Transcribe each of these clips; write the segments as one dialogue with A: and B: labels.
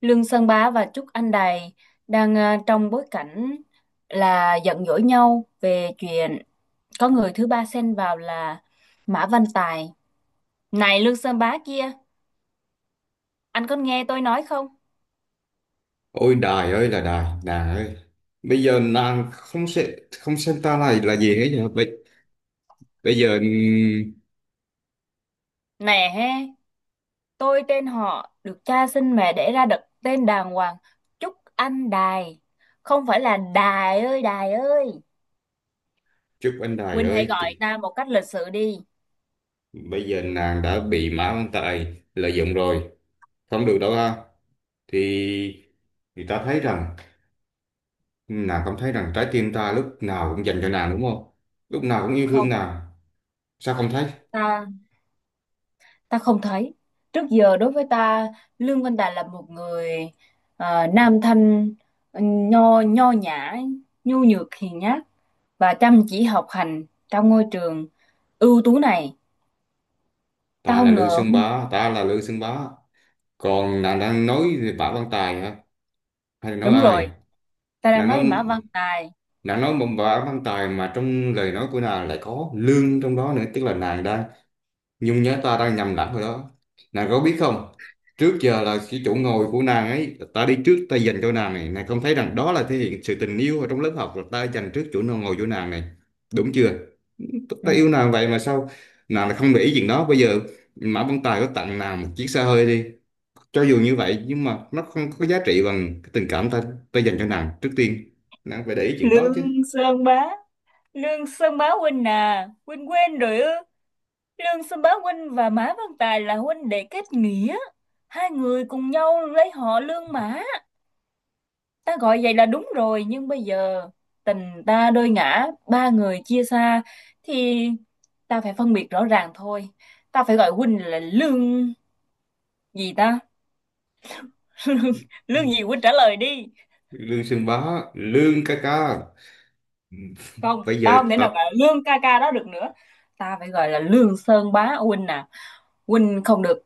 A: Lương Sơn Bá và Trúc Anh Đài đang trong bối cảnh là giận dỗi nhau về chuyện có người thứ ba xen vào là Mã Văn Tài. Này Lương Sơn Bá kia, anh có nghe tôi nói không?
B: Ôi đài ơi là đài, đài ơi. Bây giờ nàng không sẽ không xem ta này là gì hết nhỉ? Bây giờ
A: Nè he, tôi tên họ được cha sinh mẹ đẻ ra đặt tên đàng hoàng Trúc Anh Đài. Không phải là Đài ơi Đài ơi.
B: chúc anh đài
A: Huynh hãy
B: ơi,
A: gọi
B: thì
A: ta một cách lịch sự đi.
B: bây giờ nàng đã bị Mã Văn Tài lợi dụng rồi, không được đâu ha. Thì thì ta thấy rằng nàng không thấy rằng trái tim ta lúc nào cũng dành cho nàng đúng không? Lúc nào cũng yêu thương
A: Không,
B: nàng. Sao không thấy?
A: ta ta không thấy, trước giờ đối với ta Lương Văn Đạt là một người nam thanh, nho nho nhã, nhu nhược hiền nhát và chăm chỉ học hành trong ngôi trường ưu tú này. Ta
B: Ta là
A: không
B: Lương
A: ngờ.
B: Sơn Bá, ta là Lương Sơn Bá. Còn nàng đang nói về Mã Văn Tài hả? Hay là nói
A: Đúng
B: ai?
A: rồi, ta đang
B: nàng nói
A: nói Mã Văn Tài.
B: nàng nói một bà văn tài mà trong lời nói của nàng lại có lương trong đó nữa, tức là nàng đang nhung nhớ, ta đang nhầm lẫn rồi đó. Nàng có biết không, trước giờ là cái chỗ ngồi của nàng ấy ta đi trước ta dành cho nàng này, nàng không thấy rằng đó là thể hiện sự tình yêu ở trong lớp học, là ta dành trước chỗ ngồi của nàng này, đúng chưa?
A: Ừ.
B: Tao yêu nàng vậy mà sao nàng lại không để ý chuyện đó? Bây giờ Mã Văn Tài có tặng nàng một chiếc xe hơi đi, cho dù như vậy nhưng mà nó không có giá trị bằng cái tình cảm ta ta dành cho nàng trước tiên, nàng phải để ý chuyện đó
A: Lương
B: chứ.
A: Sơn Bá, Lương Sơn Bá huynh à, huynh quên rồi ư? Lương Sơn Bá huynh và Mã Văn Tài là huynh đệ kết nghĩa, hai người cùng nhau lấy họ Lương Mã. Ta gọi vậy là đúng rồi, nhưng bây giờ tình ta đôi ngã, ba người chia xa, thì ta phải phân biệt rõ ràng thôi. Ta phải gọi huynh là lương gì ta? Lương, lương gì huynh trả lời đi.
B: Lương Sương Bá, Lương ca ca,
A: Không,
B: bây giờ
A: tao không thể
B: tập
A: nào gọi là lương ca ca đó được nữa. Ta phải gọi là lương sơn bá huynh à. Huynh không được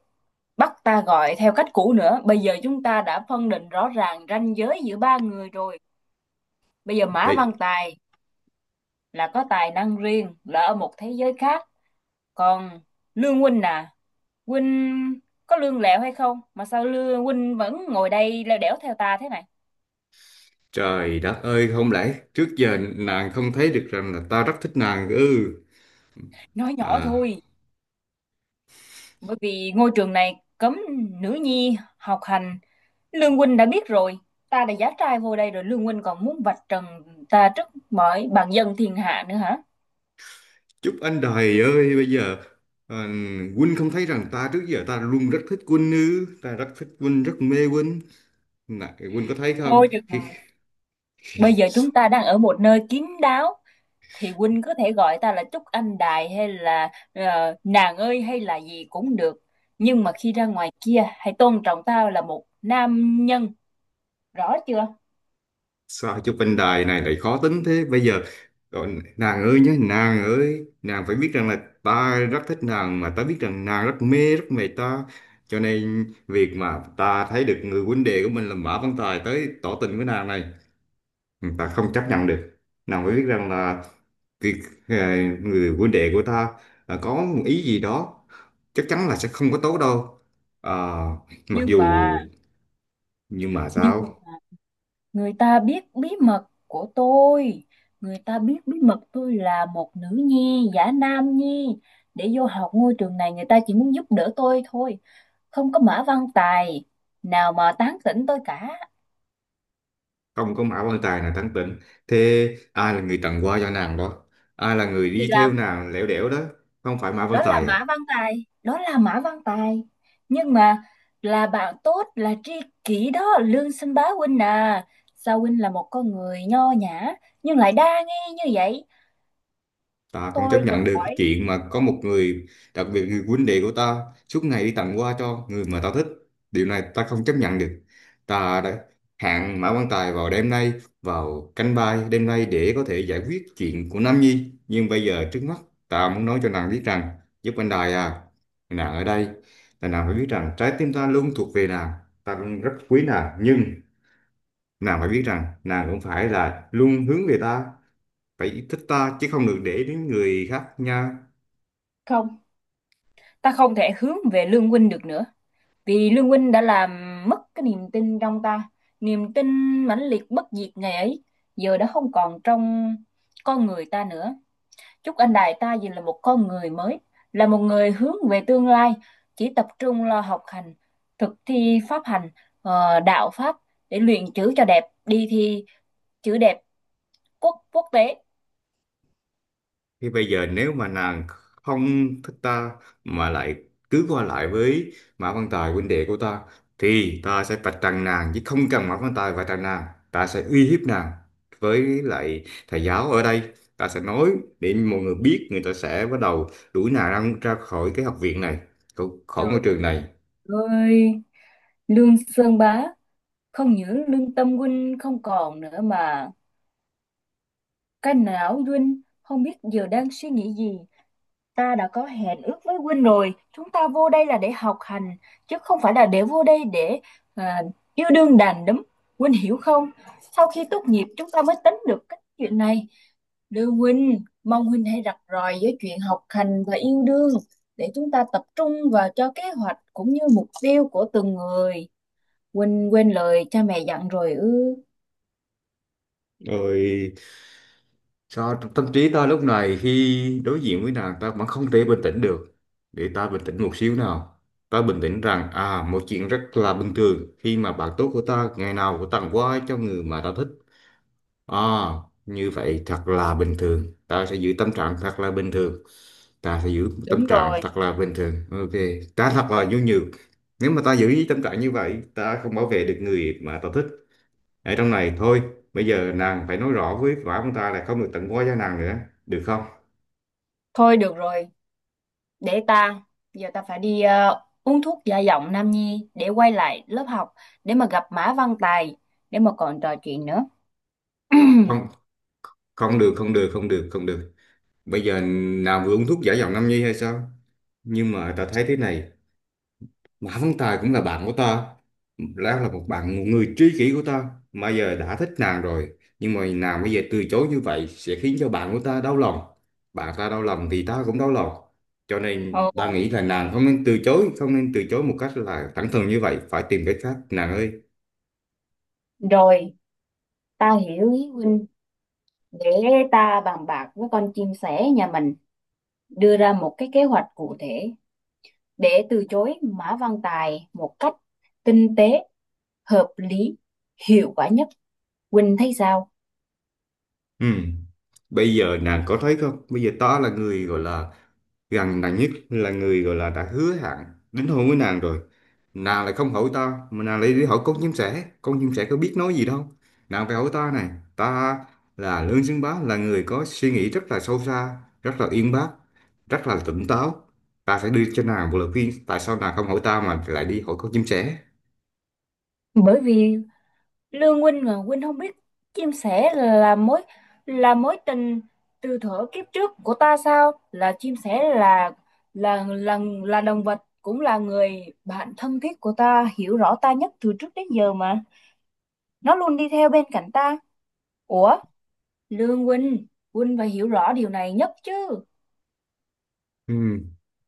A: bắt ta gọi theo cách cũ nữa. Bây giờ chúng ta đã phân định rõ ràng ranh giới giữa ba người rồi. Bây giờ Mã Văn
B: vậy.
A: Tài là có tài năng riêng, là ở một thế giới khác, còn lương huynh à, huynh có lương lẹo hay không mà sao lương huynh vẫn ngồi đây leo đẻo theo ta thế này?
B: Trời đất ơi, không lẽ trước giờ nàng không thấy được rằng là ta rất thích nàng ư?
A: Nói nhỏ
B: À,
A: thôi, bởi vì ngôi trường này cấm nữ nhi học hành. Lương huynh đã biết rồi, ta đã giá trai vô đây rồi, lương huynh còn muốn vạch trần ta trước mọi bàn dân thiên hạ nữa hả?
B: chúc anh đài ơi bây giờ, à, Quân không thấy rằng ta trước giờ ta luôn rất thích Quân ư? Ta rất thích Quân, rất mê Quân này, Quân có thấy không?
A: Thôi được rồi,
B: Khi-
A: bây giờ chúng ta đang ở một nơi kín đáo thì huynh có thể gọi ta là Trúc Anh Đài hay là nàng ơi hay là gì cũng được, nhưng mà khi ra ngoài kia hãy tôn trọng tao là một nam nhân, rõ chưa?
B: Sao chúc anh đài này lại khó tính thế? Bây giờ còn nàng ơi nhé, nàng ơi, nàng phải biết rằng là ta rất thích nàng mà, ta biết rằng nàng rất mê ta, cho nên việc mà ta thấy được người huynh đệ của mình là Mã Văn Tài tới tỏ tình với nàng này, ta không chấp nhận được. Nàng phải biết rằng là, thì người huynh đệ của ta, có một ý gì đó chắc chắn là sẽ không có tốt đâu. à, Mặc
A: nhưng
B: dù
A: mà
B: nhưng mà
A: nhưng
B: sao,
A: người ta biết bí mật của tôi, người ta biết bí mật tôi là một nữ nhi giả nam nhi để vô học ngôi trường này. Người ta chỉ muốn giúp đỡ tôi thôi, không có mã văn tài nào mà tán tỉnh tôi cả.
B: không có mã quan tài nào thắng tỉnh thế? Ai là người tặng hoa cho nàng đó? Ai là người
A: Thì
B: đi
A: làm
B: theo nàng lẻo đẻo đó? Không phải mã quan
A: đó là
B: tài à?
A: Mã Văn Tài, đó là Mã Văn Tài, nhưng mà là bạn tốt, là tri kỷ đó Lương Sinh Bá huynh à. Sao huynh là một con người nho nhã nhưng lại đa nghi như vậy,
B: Ta không chấp
A: tôi tự
B: nhận được cái
A: hỏi.
B: chuyện mà có một người, đặc biệt người huynh đệ của ta, suốt ngày đi tặng hoa cho người mà ta thích. Điều này ta không chấp nhận được. Ta đã hẹn Mã Quang Tài vào đêm nay, vào canh ba đêm nay để có thể giải quyết chuyện của Nam Nhi. Nhưng bây giờ trước mắt, ta muốn nói cho nàng biết rằng, giúp anh Đài à, nàng ở đây, là nàng phải biết rằng trái tim ta luôn thuộc về nàng. Ta luôn rất quý nàng, nhưng nàng phải biết rằng nàng cũng phải là luôn hướng về ta, phải thích ta chứ không được để đến người khác nha.
A: Không, ta không thể hướng về Lương huynh được nữa, vì Lương huynh đã làm mất cái niềm tin trong ta. Niềm tin mãnh liệt bất diệt ngày ấy giờ đã không còn trong con người ta nữa. Chúc anh Đại ta dù là một con người mới, là một người hướng về tương lai, chỉ tập trung lo học hành, thực thi pháp hành, đạo pháp, để luyện chữ cho đẹp, đi thi chữ đẹp quốc quốc tế.
B: Thì bây giờ nếu mà nàng không thích ta mà lại cứ qua lại với Mã Văn Tài huynh đệ của ta, thì ta sẽ vạch trần nàng chứ không cần Mã Văn Tài vạch trần nàng. Ta sẽ uy hiếp nàng với lại thầy giáo ở đây, ta sẽ nói để mọi người biết, người ta sẽ bắt đầu đuổi nàng ra, ra khỏi cái học viện này, khỏi khỏi ngôi
A: Trời
B: trường này.
A: ơi, Lương Sơn Bá, không những lương tâm huynh không còn nữa mà cái não huynh không biết giờ đang suy nghĩ gì. Ta đã có hẹn ước với Huynh rồi, chúng ta vô đây là để học hành, chứ không phải là để vô đây để à, yêu đương đàn đúm. Huynh hiểu không? Sau khi tốt nghiệp chúng ta mới tính được cái chuyện này. Đưa Huynh, mong Huynh hãy rạch ròi với chuyện học hành và yêu đương để chúng ta tập trung vào cho kế hoạch cũng như mục tiêu của từng người. Huynh quên lời cha mẹ dặn rồi ư?
B: Rồi, cho tâm trí ta lúc này khi đối diện với nàng ta vẫn không thể bình tĩnh được. Để ta bình tĩnh một xíu nào. Ta bình tĩnh rằng à, một chuyện rất là bình thường khi mà bạn tốt của ta ngày nào cũng tặng quà cho người mà ta thích. À, như vậy thật là bình thường. Ta sẽ giữ tâm trạng thật là bình thường. Ta sẽ giữ tâm
A: Đúng
B: trạng
A: rồi.
B: thật là bình thường. Ok. Ta thật là
A: Rồi.
B: nhu nhược. Nếu mà ta giữ tâm trạng như vậy ta không bảo vệ được người mà ta thích ở trong này thôi. Bây giờ nàng phải nói rõ với quả ông ta là không được tặng quá giá nàng nữa, được không?
A: Thôi được rồi, để ta, giờ ta phải đi uống thuốc gia giọng Nam Nhi để quay lại lớp học, để mà gặp Mã Văn Tài, để mà còn trò chuyện nữa.
B: Không, không được không được, bây giờ nàng vừa uống thuốc giả giọng Nam Nhi hay sao? Nhưng mà ta thấy thế này, Mã Văn Tài cũng là bạn của ta, Lão là một bạn, một người tri kỷ của ta mà giờ đã thích nàng rồi, nhưng mà nàng bây giờ từ chối như vậy sẽ khiến cho bạn của ta đau lòng. Bạn ta đau lòng thì ta cũng đau lòng, cho nên ta
A: Ồ,
B: nghĩ là nàng không nên từ chối, không nên từ chối một cách là thẳng thừng như vậy, phải tìm cách khác nàng ơi.
A: rồi, ta hiểu ý huynh. Để ta bàn bạc với con chim sẻ nhà mình, đưa ra một cái kế hoạch cụ thể để từ chối Mã Văn Tài một cách tinh tế, hợp lý, hiệu quả nhất. Huynh thấy sao?
B: Ừ. Bây giờ nàng có thấy không? Bây giờ ta là người gọi là gần nàng nhất, là người gọi là đã hứa hẹn đính hôn với nàng rồi. Nàng lại không hỏi ta mà nàng lại đi hỏi con chim sẻ. Con chim sẻ có biết nói gì đâu. Nàng phải hỏi ta này. Ta là Lương Xứng Bá, là người có suy nghĩ rất là sâu xa, rất là uyên bác, rất là tỉnh táo. Ta sẽ đưa cho nàng một lời khuyên. Tại sao nàng không hỏi ta mà lại đi hỏi con chim sẻ?
A: Bởi vì Lương huynh à, huynh không biết chim sẻ là mối tình từ thuở kiếp trước của ta sao? Là chim sẻ là là là là động vật, cũng là người bạn thân thiết của ta, hiểu rõ ta nhất từ trước đến giờ mà. Nó luôn đi theo bên cạnh ta. Ủa, Lương huynh, huynh phải hiểu rõ điều này nhất chứ.
B: Ừ.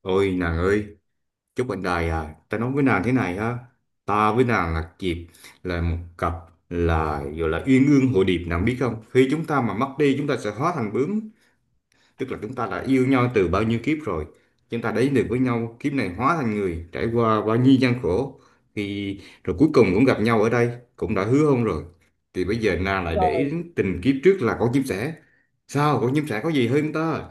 B: Ôi nàng ơi! Chúc bạn đời à, ta nói với nàng thế này ha, ta với nàng là dịp, là một cặp, là gọi là uyên ương hội điệp, nàng biết không, khi chúng ta mà mất đi chúng ta sẽ hóa thành bướm, tức là chúng ta đã yêu nhau từ bao nhiêu kiếp rồi. Chúng ta đến được với nhau kiếp này, hóa thành người, trải qua bao nhiêu gian khổ thì rồi cuối cùng cũng gặp nhau ở đây, cũng đã hứa hôn rồi. Thì bây giờ nàng lại để
A: Rồi,
B: tình kiếp trước là con chim sẻ, sao con chim sẻ có gì hơn ta?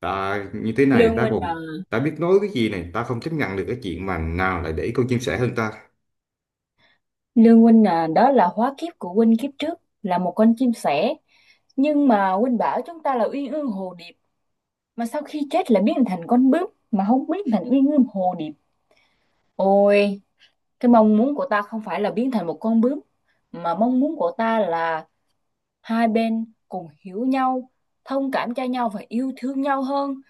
B: Ta như thế này
A: Lương
B: ta
A: Huynh
B: còn,
A: à,
B: ta biết nói cái gì này, ta không chấp nhận được cái chuyện mà nàng lại để con chim sẻ hơn ta.
A: Đó là hóa kiếp của huynh kiếp trước là một con chim sẻ, nhưng mà huynh bảo chúng ta là uyên ương hồ điệp mà sau khi chết lại biến thành con bướm mà không biến thành uy ngưỡng hồ điệp. Ôi, cái mong muốn của ta không phải là biến thành một con bướm, mà mong muốn của ta là hai bên cùng hiểu nhau, thông cảm cho nhau và yêu thương nhau hơn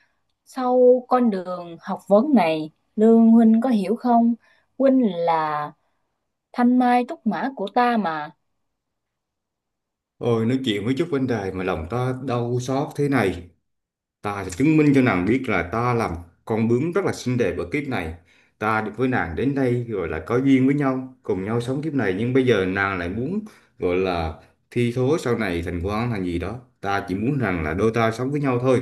A: sau con đường học vấn này. Lương huynh có hiểu không? Huynh là thanh mai trúc mã của ta mà.
B: Ôi, nói chuyện với chút vấn đề mà lòng ta đau xót thế này. Ta sẽ chứng minh cho nàng biết là ta là một con bướm rất là xinh đẹp ở kiếp này. Ta được với nàng đến đây gọi là có duyên với nhau, cùng nhau sống kiếp này. Nhưng bây giờ nàng lại muốn gọi là thi thố sau này thành quan thành gì đó. Ta chỉ muốn rằng là đôi ta sống với nhau thôi.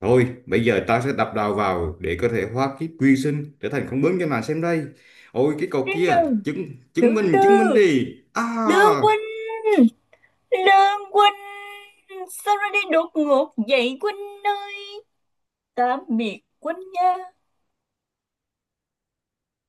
B: Thôi, bây giờ ta sẽ đập đầu vào để có thể hóa kiếp quy sinh trở thành con bướm cho nàng xem đây. Ôi cái cậu
A: Trên
B: kia,
A: đường,
B: chứng
A: từ
B: chứng minh
A: từ,
B: đi. À!
A: Lương huynh, Lương huynh, sao ra đi đột ngột vậy huynh ơi? Tạm biệt Quân nha.